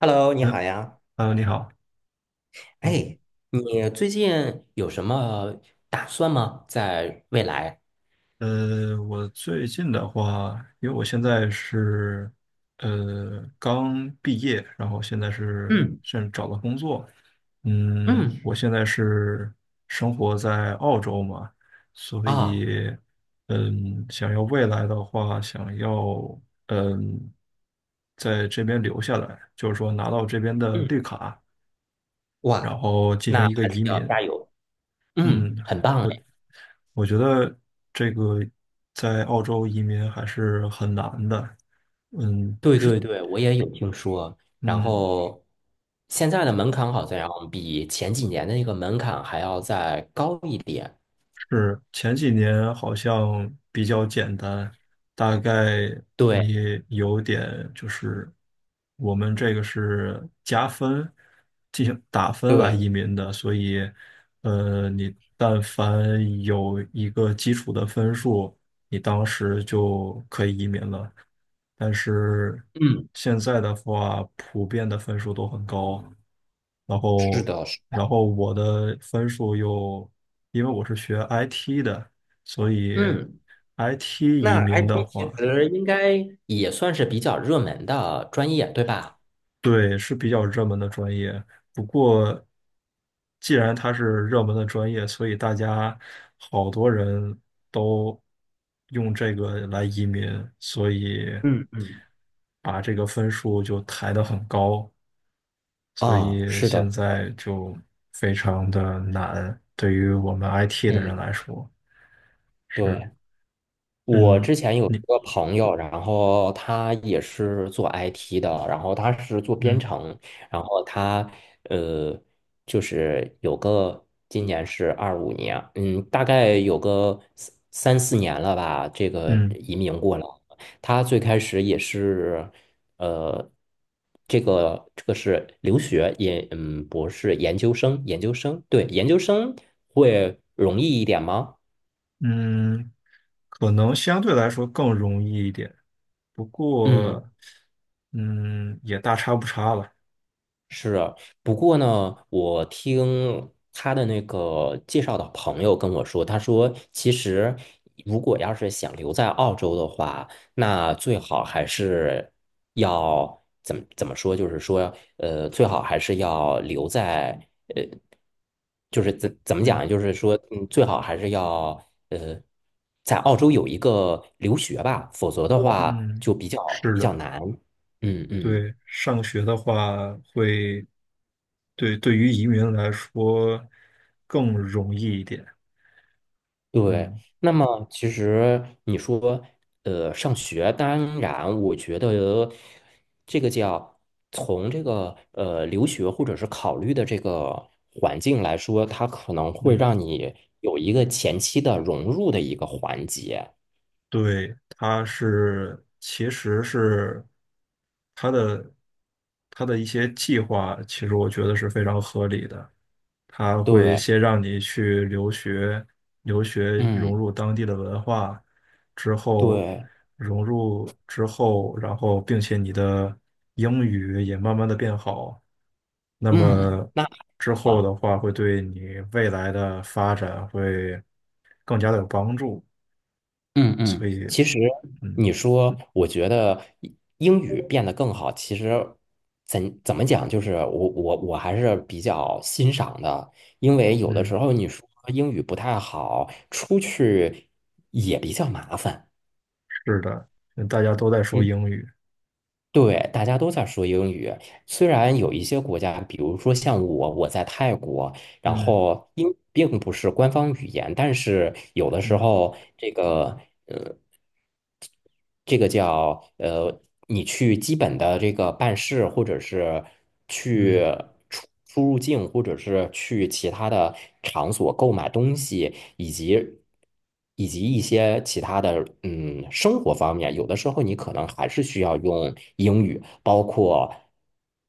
Hello，你好嗯呀。呃，你好。嗯，哎，你最近有什么打算吗？在未来？我最近的话，因为我现在是刚毕业，然后现在是嗯现在找到工作。我嗯现在是生活在澳洲嘛，所啊以想要未来的话，想要嗯在这边留下来，就是说拿到这边的嗯绿卡，然哇，后进行那一个还是移要民。加油。嗯，嗯，很棒我哎。我觉得这个在澳洲移民还是很难的。嗯，对之对对，我也有听说。然嗯，后现在的门槛好像比前几年的那个门槛还要再高一点。是前几年好像比较简单，大概对你有点就是我们这个是加分进行打分来对，移民的，所以你但凡有一个基础的分数，你当时就可以移民了。但是嗯，现在的话，普遍的分数都很高。然是后，的，是然后我的分数又，因为我是学 IT 的，所以 嗯。IT 移那 i 民的 p 其话，实应该也算是比较热门的专业，对吧？对，是比较热门的专业。不过，既然它是热门的专业，所以大家好多人都用这个来移民，所以嗯嗯。把这个分数就抬得很高。所啊，以是的，现在就非常的难，对于我们 IT 的人嗯，来说是，对，我嗯，之前有你，一个朋友，然后他也是做 IT 的，然后他是做编嗯程，然后他呃，就是有个今年是二五年，嗯，大概有个三三四年了吧，这个嗯移民过来。他最开始也是呃，这个是留学研，嗯，博士研究生，研究生，对，研究生会容易一点吗？嗯，可能相对来说更容易一点，不嗯，过，也大差不差了。是啊。不过呢，我听他的那个介绍的朋友跟我说，他说其实如果要是想留在澳洲的话，那最好还是要怎么怎么说，最好还是要留在呃，就是怎怎么嗯讲，最好还是要呃，在澳洲有一个留学吧，否则的话嗯，就比较是的，难。嗯嗯。对，上学的话会，对，对于移民来说更容易一点，对，嗯那么其实你说，上学，当然，我觉得这个叫从这个留学或者是考虑的这个环境来说，它可能会嗯。让你有一个前期的融入的一个环节。对，其实是它的它的一些计划，其实我觉得是非常合理的。它会对，先让你去留学，留学嗯，融入当地的文化，之后对，融入之后，然后并且你的英语也慢慢的变好，那嗯，么那之很后的棒。话会对你未来的发展会更加的有帮助。嗯嗯，其实嗯你说，我觉得英语变得更好，其实怎怎么讲，就是我还是比较欣赏的，因为有的嗯。时候你说英语不太好，出去也比较麻烦。是的，大家都在说嗯，英语。对，大家都在说英语，虽然有一些国家，比如说像我，我在泰国，然嗯后英语并不是官方语言，但是有的时嗯候这个。这个叫你去基本的这个办事，或者是去嗯出入境，或者是去其他的场所购买东西，以及一些其他的生活方面，有的时候你可能还是需要用英语，包括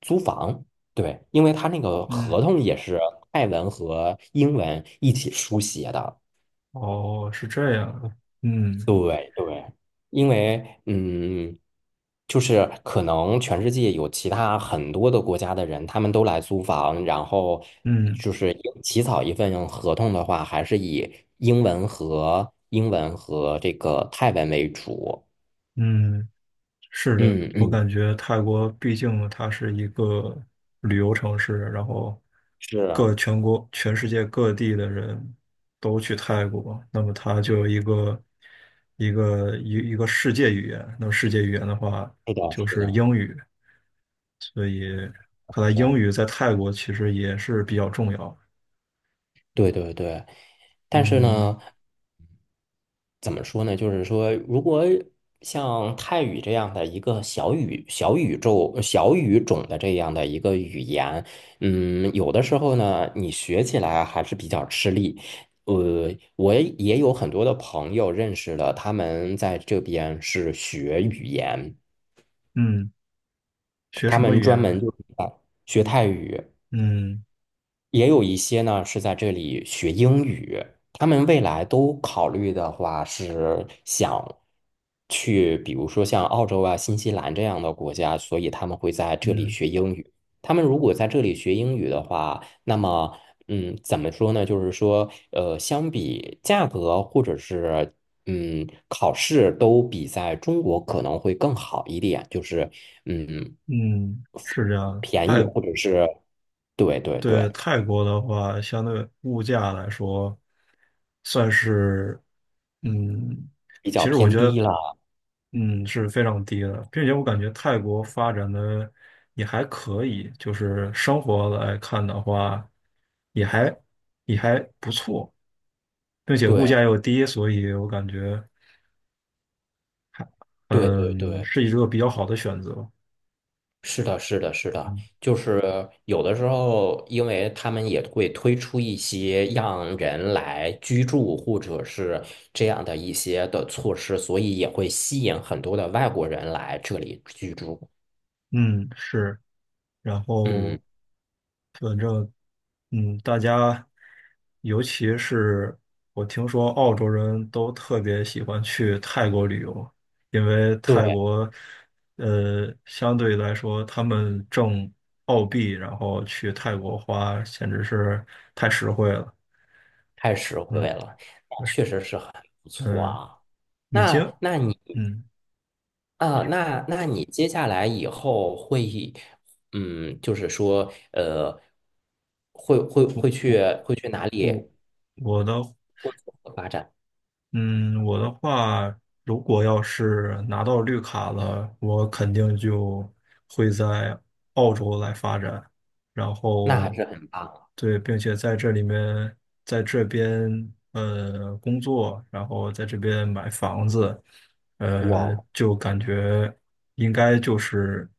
租房，对，因为他那个嗯，合同也是泰文和英文一起书写的。哦，是这样的。嗯对对，因为嗯，就是可能全世界有其他很多的国家的人，他们都来租房，然后嗯就是有起草一份合同的话，还是以英文和这个泰文为主。嗯，是的，嗯我嗯，感觉泰国毕竟它是一个旅游城市，然后是，各全国、全世界各地的人都去泰国，那么它就有一个世界语言。那么世界语言的话，是的，就是是的，英语。看来是英的，语在泰国其实也是比较重要。对对对。但是嗯呢，怎么说呢？就是说，如果像泰语这样的一个小宇宙、小语种的这样的一个语言，嗯，有的时候呢，你学起来还是比较吃力。呃，我也有很多的朋友认识了，他们在这边是学语言，嗯。学他什么们语专言门呢？就是在学泰语。嗯也有一些呢是在这里学英语，他们未来都考虑的话是想去，比如说像澳洲啊、新西兰这样的国家，所以他们会在这里嗯学英语。他们如果在这里学英语的话，那么嗯，怎么说呢？相比价格或者是考试都比在中国可能会更好一点，嗯嗯，是这样的。便宜或者是对对对对，泰国的话，相对物价来说，算是，嗯，比其较实我偏觉低得了。是非常低的，并且我感觉泰国发展的也还可以，就是生活来看的话，也还也还不错，并且物价对又低，所以我感觉对对嗯对，是一个比较好的选择。是的，是的，是的，嗯就是有的时候，因为他们也会推出一些让人来居住或者是这样的一些的措施，所以也会吸引很多的外国人来这里居住。嗯是。然嗯，后反正大家尤其是我听说澳洲人都特别喜欢去泰国旅游，因为泰对，国相对来说他们挣澳币，然后去泰国花简直是太实惠了。太实惠嗯，了，那就是，确实是很不错嗯，啊。你接，那那你嗯，你说那那你接下来以后会，嗯，就是说，呃，我会去我会去哪我里我的。发展？嗯，我的话，如果要是拿到绿卡了，我肯定就会在澳洲来发展，然那还后是很棒，对，并且在这里面，在这边工作，然后在这边买房子，哇，就感觉应该就是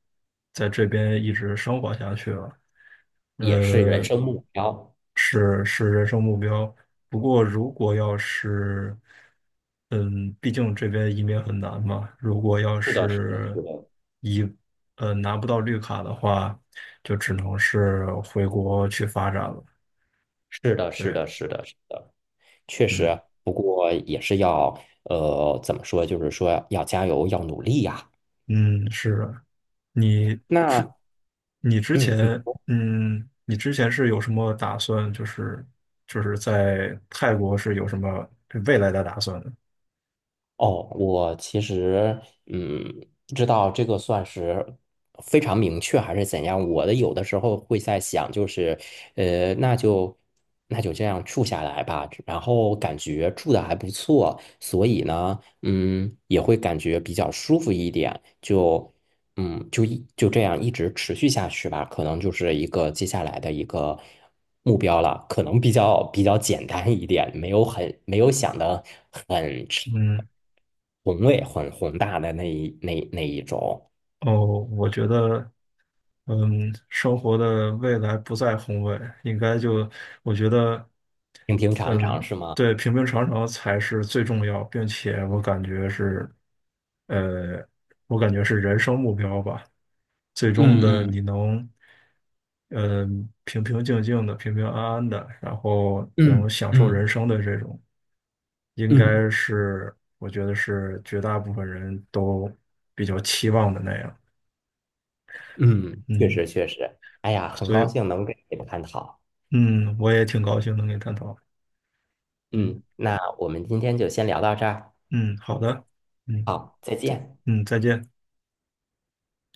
在这边一直生活下去了，也是人呃，生目标。是人生目标。不过如果要是，毕竟这边移民很难嘛，如果要是的，是的，是是的，移，拿不到绿卡的话，就只能是回国去发展了。是的，是对，的，是的，是的。嗯。不过也是要，怎么说？就是说要加油，要努力呀。嗯，是的，你之那，嗯，你之前是有什么打算？就是在泰国是有什么未来的打算哦，我其实嗯，不知道这个算是非常明确还是怎样。我的有的时候会在想，就是呃，那就那就这样住下来吧。然后感觉住的还不错，所以呢，嗯，也会感觉比较舒服一点。就这样一直持续下去吧，可能就是一个接下来的一个目标了，可能比较简单一点，没有想的很长。嗯。宏伟、很宏大的那一种，哦，我觉得，生活的未来不在宏伟，应该就，我觉得，平平常常是吗？对，平平常常才是最重要，并且我感觉是，呃，我感觉是人生目标吧。最终的嗯嗯你能，呃，平平静静的、平平安安的，然后嗯能享受人嗯生的这种，应嗯该是我觉得是绝大部分人都比较期望的那样。嗯，确嗯，实确实。哎呀，很所以高兴能给你探讨。嗯，我也挺高兴能跟你探讨。嗯嗯，那我们今天就先聊到这儿。嗯，好的，嗯好，再见。嗯，再见。